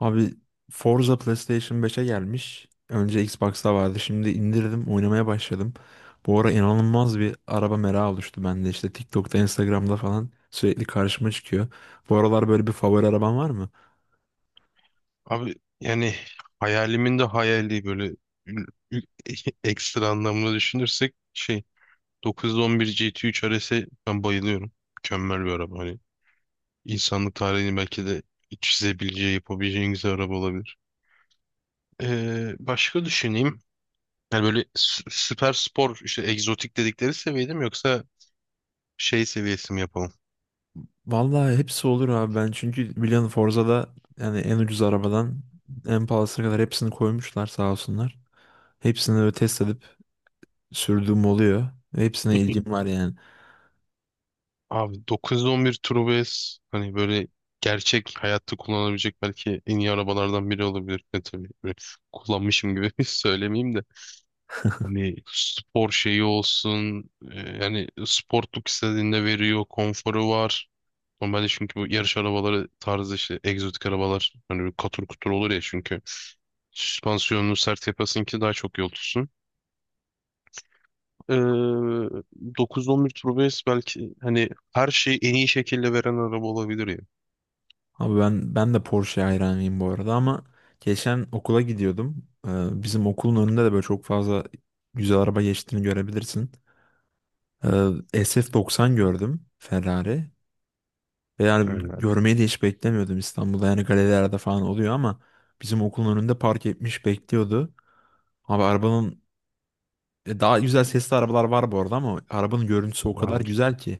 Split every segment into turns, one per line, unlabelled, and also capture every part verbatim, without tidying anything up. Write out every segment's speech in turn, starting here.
Abi, Forza PlayStation beşe gelmiş. Önce Xbox'ta vardı. Şimdi indirdim, oynamaya başladım. Bu ara inanılmaz bir araba merakı oluştu bende. İşte TikTok'ta, Instagram'da falan sürekli karşıma çıkıyor. Bu aralar böyle bir favori araban var mı?
Abi yani hayalimin de hayali böyle ül- ül- ekstra anlamda düşünürsek şey dokuz on bir G T üç R S'e ben bayılıyorum. Mükemmel bir araba. Hani insanlık tarihini belki de çizebileceği, yapabileceği en güzel araba olabilir. Ee, başka düşüneyim. Yani böyle sü- süper spor işte egzotik dedikleri seviye değil mi yoksa şey seviyesi mi yapalım?
Vallahi hepsi olur abi ben. Çünkü biliyorsun Forza'da yani en ucuz arabadan en pahalısına kadar hepsini koymuşlar sağ olsunlar. Hepsini böyle test edip sürdüğüm oluyor. Ve hepsine ilgim var yani.
Abi dokuz on bir Turbo S hani böyle gerçek hayatta kullanabilecek belki en iyi arabalardan biri olabilir. E tabii böyle kullanmışım gibi söylemeyeyim de. Hani spor şeyi olsun e, yani sportluk istediğinde veriyor, konforu var. Normalde çünkü bu yarış arabaları tarzı işte egzotik arabalar hani böyle katır kutur olur ya çünkü süspansiyonunu sert yapasın ki daha çok yol tutsun. Ee, dokuz on bir Turbo S belki hani her şeyi en iyi şekilde veren araba olabilir ya.
Abi ben ben de Porsche hayranıyım bu arada, ama geçen okula gidiyordum. Ee, bizim okulun önünde de böyle çok fazla güzel araba geçtiğini görebilirsin. Ee, S F doksan gördüm, Ferrari. Ve yani
Aynen. Olur.
görmeyi de hiç beklemiyordum İstanbul'da. Yani galerilerde falan oluyor ama bizim okulun önünde park etmiş bekliyordu. Abi arabanın, e, daha güzel sesli arabalar var bu arada ama arabanın görüntüsü o kadar güzel ki.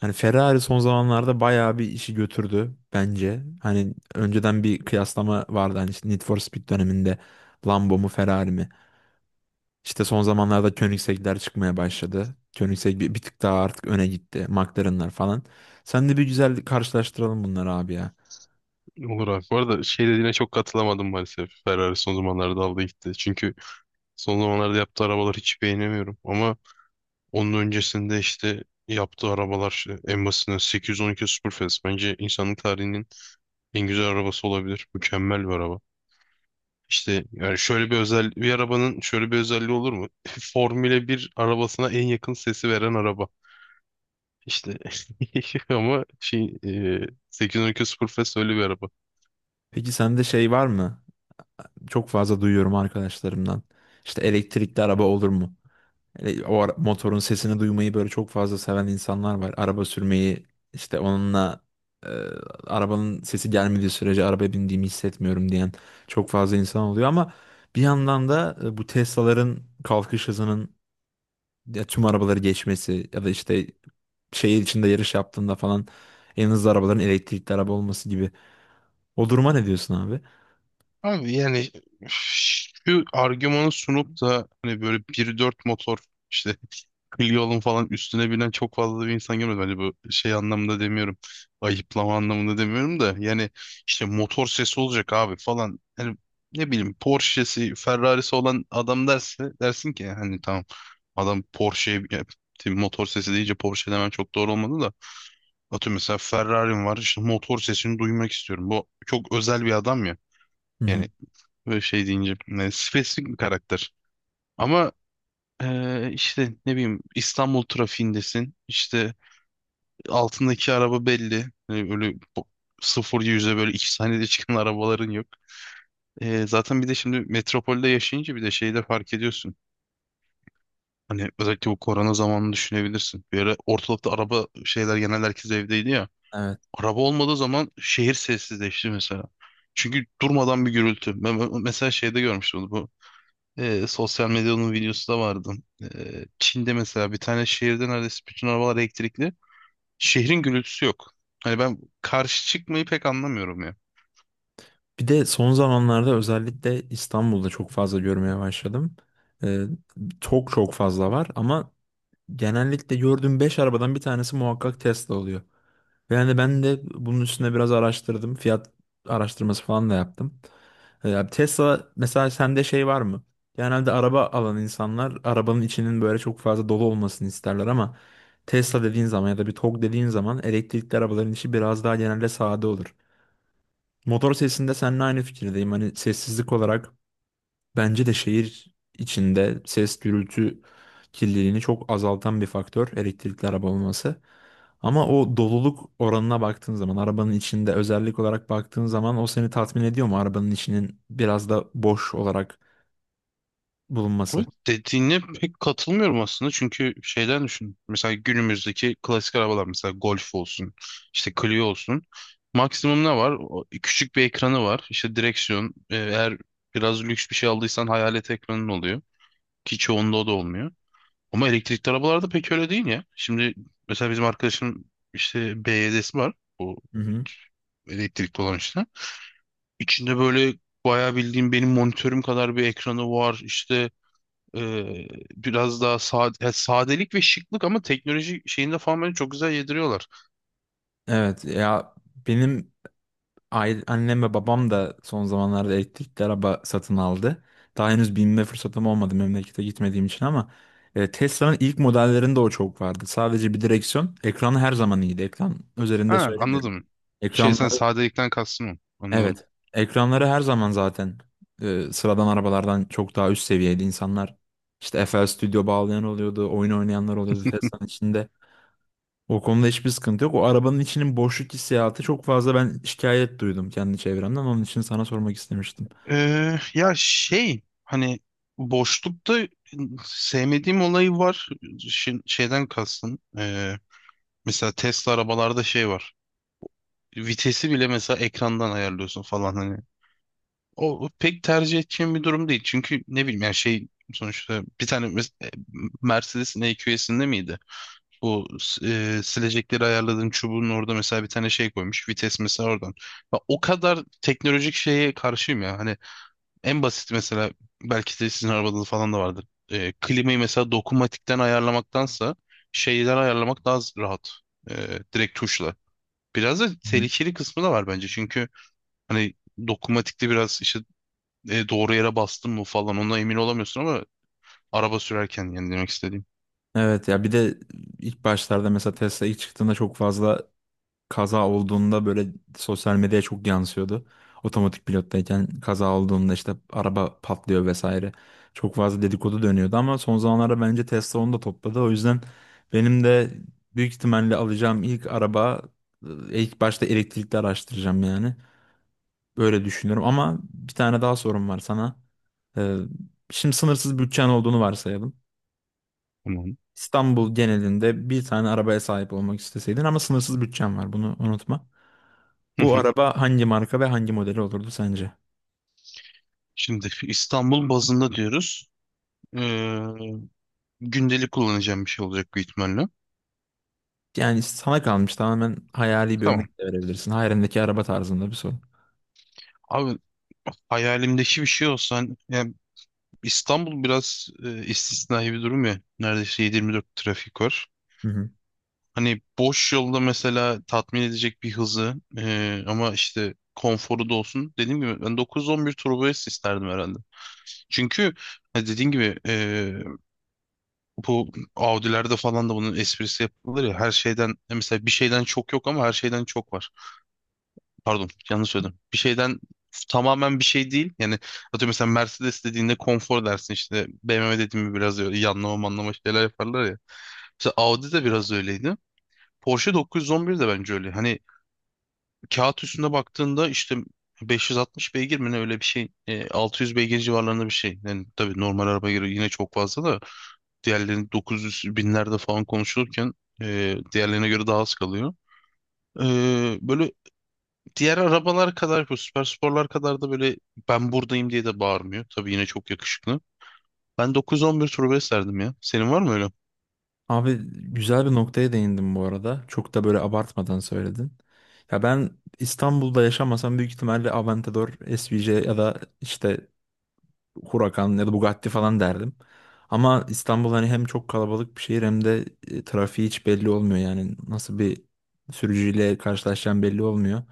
Hani Ferrari son zamanlarda bayağı bir işi götürdü bence. Hani önceden bir kıyaslama vardı, hani işte Need for Speed döneminde Lambo mu Ferrari mi? İşte son zamanlarda Koenigsegg'ler çıkmaya başladı. Koenigsegg bir, bir tık daha artık öne gitti. McLaren'lar falan. Sen de bir güzel karşılaştıralım bunları abi ya.
Olur abi. Bu arada şey dediğine çok katılamadım maalesef. Ferrari son zamanlarda aldı gitti. Çünkü son zamanlarda yaptığı arabaları hiç beğenemiyorum. Ama onun öncesinde işte yaptığı arabalar işte en basitinden sekiz yüz on iki Superfast bence insanlık tarihinin en güzel arabası olabilir. Mükemmel bir araba. İşte yani şöyle bir özel bir arabanın şöyle bir özelliği olur mu? Formüle bir arabasına en yakın sesi veren araba. İşte ama şey e, sekiz yüz on iki Superfast öyle bir araba.
Peki sende şey var mı? Çok fazla duyuyorum arkadaşlarımdan. İşte elektrikli araba olur mu? Hele O ara- motorun sesini duymayı böyle çok fazla seven insanlar var. Araba sürmeyi işte onunla, e, arabanın sesi gelmediği sürece arabaya bindiğimi hissetmiyorum diyen çok fazla insan oluyor ama bir yandan da e, bu Tesla'ların kalkış hızının ya tüm arabaları geçmesi ya da işte şehir içinde yarış yaptığında falan en hızlı arabaların elektrikli araba olması gibi. O duruma ne diyorsun abi?
Abi yani şu argümanı sunup da hani böyle bir nokta dört motor işte. Clio'nun falan üstüne binen çok fazla bir insan görmedim. Hani bu şey anlamında demiyorum. Ayıplama anlamında demiyorum da. Yani işte motor sesi olacak abi falan. Yani ne bileyim Porsche'si, Ferrari'si olan adam derse dersin ki hani tamam adam Porsche'ye ya, motor sesi deyince Porsche demem çok doğru olmadı da. Atıyorum mesela Ferrari'm var işte motor sesini duymak istiyorum. Bu çok özel bir adam ya.
Hı hı.
Yani böyle şey deyince yani spesifik bir karakter. Ama eee, işte ne bileyim İstanbul trafiğindesin. İşte altındaki araba belli. Hani öyle bo- sıfır yüze böyle iki saniyede çıkan arabaların yok. Ee, zaten bir de şimdi metropolde yaşayınca bir de şeyi de fark ediyorsun. Hani özellikle bu korona zamanını düşünebilirsin. Bir ara ortalıkta araba şeyler genel herkes evdeydi ya.
Evet.
Araba olmadığı zaman şehir sessizleşti mesela. Çünkü durmadan bir gürültü. Ben ben mesela şeyde görmüştüm onu, bu. E, sosyal medyanın videosu da vardı. E, Çin'de mesela bir tane şehirde neredeyse bütün arabalar elektrikli. Şehrin gürültüsü yok. Hani ben karşı çıkmayı pek anlamıyorum ya.
Bir de son zamanlarda özellikle İstanbul'da çok fazla görmeye başladım. Ee, Çok çok fazla var ama genellikle gördüğüm beş arabadan bir tanesi muhakkak Tesla oluyor. Ve yani ben de bunun üstüne biraz araştırdım. Fiyat araştırması falan da yaptım. Ee, Tesla mesela, sende şey var mı? Genelde araba alan insanlar arabanın içinin böyle çok fazla dolu olmasını isterler, ama Tesla dediğin zaman ya da bir TOG dediğin zaman elektrikli arabaların içi biraz daha genelde sade olur. Motor sesinde seninle aynı fikirdeyim. Hani sessizlik olarak bence de şehir içinde ses, gürültü kirliliğini çok azaltan bir faktör elektrikli araba olması. Ama o doluluk oranına baktığın zaman, arabanın içinde özellik olarak baktığın zaman, o seni tatmin ediyor mu arabanın içinin biraz da boş olarak
O
bulunması?
dediğine pek katılmıyorum aslında çünkü şeyden düşün. Mesela günümüzdeki klasik arabalar mesela Golf olsun, işte Clio olsun. Maksimum ne var? O küçük bir ekranı var. İşte direksiyon. e, Eğer biraz lüks bir şey aldıysan hayalet ekranın oluyor. Ki çoğunda o da olmuyor. Ama elektrikli arabalarda pek öyle değil ya. Şimdi mesela bizim arkadaşın işte B Y D'si var. Bu
Hı hı.
elektrikli olan işte. İçinde böyle bayağı bildiğim benim monitörüm kadar bir ekranı var. İşte e, biraz daha sade, ya sadelik ve şıklık ama teknoloji şeyinde falan beni çok güzel yediriyorlar.
Evet ya, benim aile, annem ve babam da son zamanlarda elektrikli araba satın aldı. Daha henüz binme fırsatım olmadı memlekete gitmediğim için ama e, Tesla'nın ilk modellerinde o çok vardı. Sadece bir direksiyon, ekranı her zaman iyiydi. Ekran üzerinde
Ha,
söylemiyorum.
anladım. Şey sen
Ekranları,
sadelikten kastın o. Anladım.
evet. Ekranları her zaman zaten e, sıradan arabalardan çok daha üst seviyeydi. İnsanlar işte F L Studio bağlayan oluyordu, oyun oynayanlar oluyordu Tesla'nın içinde. O konuda hiçbir sıkıntı yok. O arabanın içinin boşluk hissiyatı çok fazla, ben şikayet duydum kendi çevremden. Onun için sana sormak istemiştim.
Ee, ya şey hani boşlukta sevmediğim olayı var. Şin- şeyden kastım. Ee, mesela Tesla arabalarda şey var. Vitesi bile mesela ekrandan ayarlıyorsun falan hani. O, o pek tercih edeceğim bir durum değil. Çünkü ne bileyim yani şey sonuçta bir tane mes- e, Mercedes'in E Q S'inde miydi? Bu e, silecekleri ayarladığın çubuğun orada mesela bir tane şey koymuş. Vites mesela oradan. Ya o kadar teknolojik şeye karşıyım ya. Hani en basit mesela belki de sizin arabada da falan da vardır. E, klimayı mesela dokunmatikten ayarlamaktansa şeyden ayarlamak daha z- rahat. E, Direkt tuşla. Biraz da
Hı.
tehlikeli kısmı da var bence. Çünkü hani dokunmatikte biraz işte e, doğru yere bastın mı falan ona emin olamıyorsun ama araba sürerken yani demek istediğim.
Evet ya, bir de ilk başlarda, mesela Tesla ilk çıktığında, çok fazla kaza olduğunda böyle sosyal medyaya çok yansıyordu. Otomatik pilottayken kaza olduğunda işte araba patlıyor vesaire. Çok fazla dedikodu dönüyordu ama son zamanlarda bence Tesla onu da topladı. O yüzden benim de büyük ihtimalle alacağım ilk araba, e, ilk başta elektrikli araştıracağım yani. Böyle düşünüyorum ama bir tane daha sorum var sana. Ee, Şimdi sınırsız bütçen olduğunu varsayalım.
Tamam.
İstanbul genelinde bir tane arabaya sahip olmak isteseydin, ama sınırsız bütçen var, bunu unutma.
Hı
Bu
hı.
araba hangi marka ve hangi modeli olurdu sence?
Şimdi İstanbul bazında diyoruz. Ee, Gündelik kullanacağım bir şey olacak büyük ihtimalle.
Yani sana kalmış, tamamen hayali bir
Tamam.
örnek de verebilirsin. Hayalindeki araba tarzında bir soru.
Abi hayalimdeki bir şey olsa hani- yani İstanbul biraz e, istisnai bir durum ya. Neredeyse yedi yirmi dört trafik var.
Hı hı.
Hani boş yolda mesela tatmin edecek bir hızı e, ama işte konforu da olsun. Dediğim gibi ben dokuz on bir turbo S isterdim herhalde. Çünkü ha, dediğin gibi e, bu Audi'lerde falan da bunun esprisi yapılır ya. Her şeyden mesela bir şeyden çok yok ama her şeyden çok var. Pardon, yanlış söyledim. Bir şeyden tamamen bir şey değil. Yani atıyorum mesela Mercedes dediğinde konfor dersin işte. B M W dediğinde biraz öyle yanlama manlama şeyler yaparlar ya. Mesela Audi de biraz öyleydi. Porsche dokuz on bir de bence öyle. Hani kağıt üstünde baktığında işte beş yüz altmış beygir mi ne öyle bir şey. E, altı yüz beygir civarlarında bir şey. Yani tabii normal araba göre yine çok fazla da. Diğerlerini dokuz yüz binlerde falan konuşulurken e, diğerlerine göre daha az kalıyor. E, Böyle diğer arabalar kadar bu süper sporlar kadar da böyle ben buradayım diye de bağırmıyor. Tabii yine çok yakışıklı. Ben dokuz on bir turbo S derdim ya. Senin var mı öyle?
Abi güzel bir noktaya değindin bu arada. Çok da böyle abartmadan söyledin. Ya ben İstanbul'da yaşamasam büyük ihtimalle Aventador, S V J ya da işte Huracan ya da Bugatti falan derdim. Ama İstanbul hani hem çok kalabalık bir şehir, hem de e, trafiği hiç belli olmuyor. Yani nasıl bir sürücüyle karşılaşacağım belli olmuyor.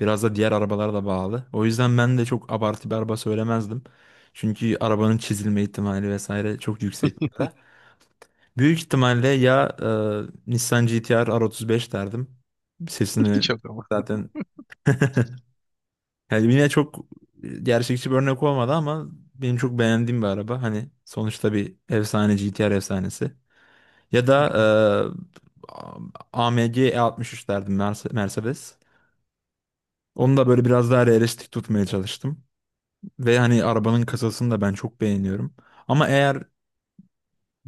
Biraz da diğer arabalara da bağlı. O yüzden ben de çok abartı bir araba söylemezdim. Çünkü arabanın çizilme ihtimali vesaire çok yüksek burada. Büyük ihtimalle ya, e, Nissan G T-R R otuz beş derdim. Sesini
Çok ama.
zaten yani yine çok e, gerçekçi bir örnek olmadı ama benim çok beğendiğim bir araba. Hani sonuçta bir efsane, G T R efsanesi. Ya
Hı.
da e, A M G E altmış üç derdim, Merse- Mercedes. Onu da böyle biraz daha realistik tutmaya çalıştım. Ve hani arabanın kasasını da ben çok beğeniyorum. Ama eğer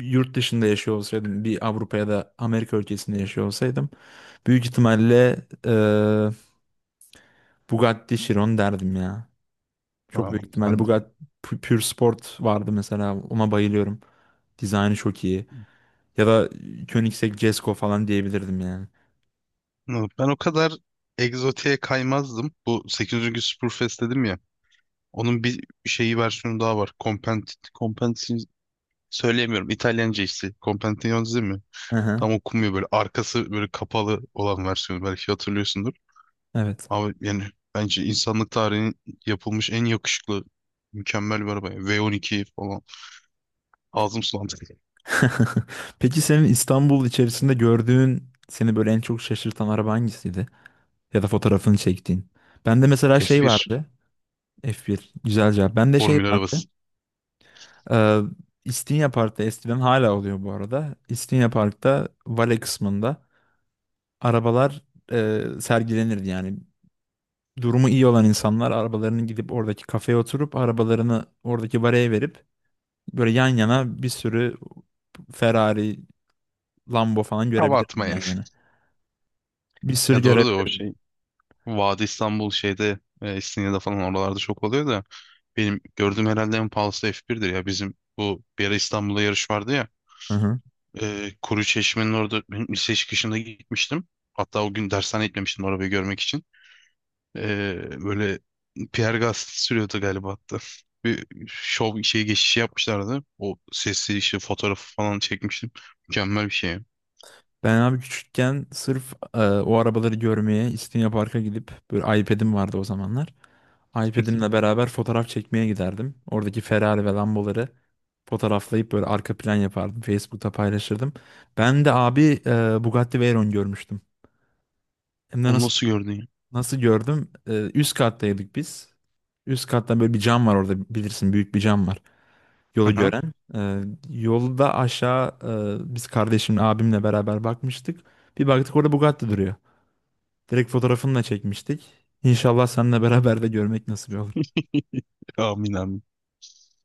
yurt dışında yaşıyor olsaydım, bir Avrupa ya da Amerika ülkesinde yaşıyor olsaydım, büyük ihtimalle e, Bugatti Chiron derdim ya. Çok büyük
Tamam.
ihtimalle
Ben,
Bugatti Pu- Pure Sport vardı mesela. Ona bayılıyorum. Dizaynı çok iyi. Ya da Koenigsegg Jesko falan diyebilirdim yani.
ben o kadar egzotiğe kaymazdım. Bu sekizinci. Spurfest dedim ya. Onun bir şeyi versiyonu daha var. Compent, Compenti söyleyemiyorum. İtalyanca işte. Compentione mi?
Hı hı,
Tam okunmuyor böyle arkası böyle kapalı olan versiyonu belki hatırlıyorsundur.
evet.
Abi yani bence insanlık tarihinin yapılmış en yakışıklı mükemmel bir araba, yani. V on iki falan. Ağzım sulandı.
Peki senin İstanbul içerisinde gördüğün, seni böyle en çok şaşırtan araba hangisiydi? Ya da fotoğrafını çektiğin. Bende mesela şey
F bir
vardı. F bir. Güzel cevap. Bende şey
formül
vardı.
arabası.
Ee, İstinye Park'ta eskiden, hala oluyor bu arada. İstinye Park'ta vale kısmında arabalar e, sergilenirdi yani. Durumu iyi olan insanlar arabalarını gidip oradaki kafeye oturup arabalarını oradaki baraya verip, böyle yan yana bir sürü Ferrari, Lambo falan
Hava
görebilirsin
atma yani.
yan yana. Bir sürü
Ya
göre.
doğru da o şey. Vadi İstanbul şeyde e, İstinye'de falan oralarda çok oluyor da benim gördüğüm herhalde en pahalısı F bir'dir ya. Bizim bu bir ara İstanbul'da yarış vardı ya.
Hı hı.
E, Kuru Çeşme'nin orada benim lise çıkışında gitmiştim. Hatta o gün dershane gitmemiştim arabayı görmek için. Ee, böyle Pierre Gasly sürüyordu galiba hatta. Bir şov şey geçişi yapmışlardı. O sesli işte fotoğrafı falan çekmiştim. Mükemmel bir şey.
Ben abi küçükken sırf e, o arabaları görmeye İstinye Park'a gidip, böyle iPad'im vardı o zamanlar. iPad'imle beraber fotoğraf çekmeye giderdim. Oradaki Ferrari ve Lamboları fotoğraflayıp böyle arka plan yapardım. Facebook'ta paylaşırdım. Ben de abi e, Bugatti Veyron görmüştüm. Hem de
Onu
nasıl.
nasıl gördün ya?
Nasıl gördüm? Ee, üst kattaydık biz. Üst katta böyle bir cam var orada, bilirsin, büyük bir cam var. Yolu
Aha.
gören. Ee, yolda aşağı, e, biz kardeşimle, abimle beraber bakmıştık. Bir baktık orada Bugatti duruyor. Direkt fotoğrafını da çekmiştik. İnşallah seninle beraber de görmek nasip olur.
Amin amin.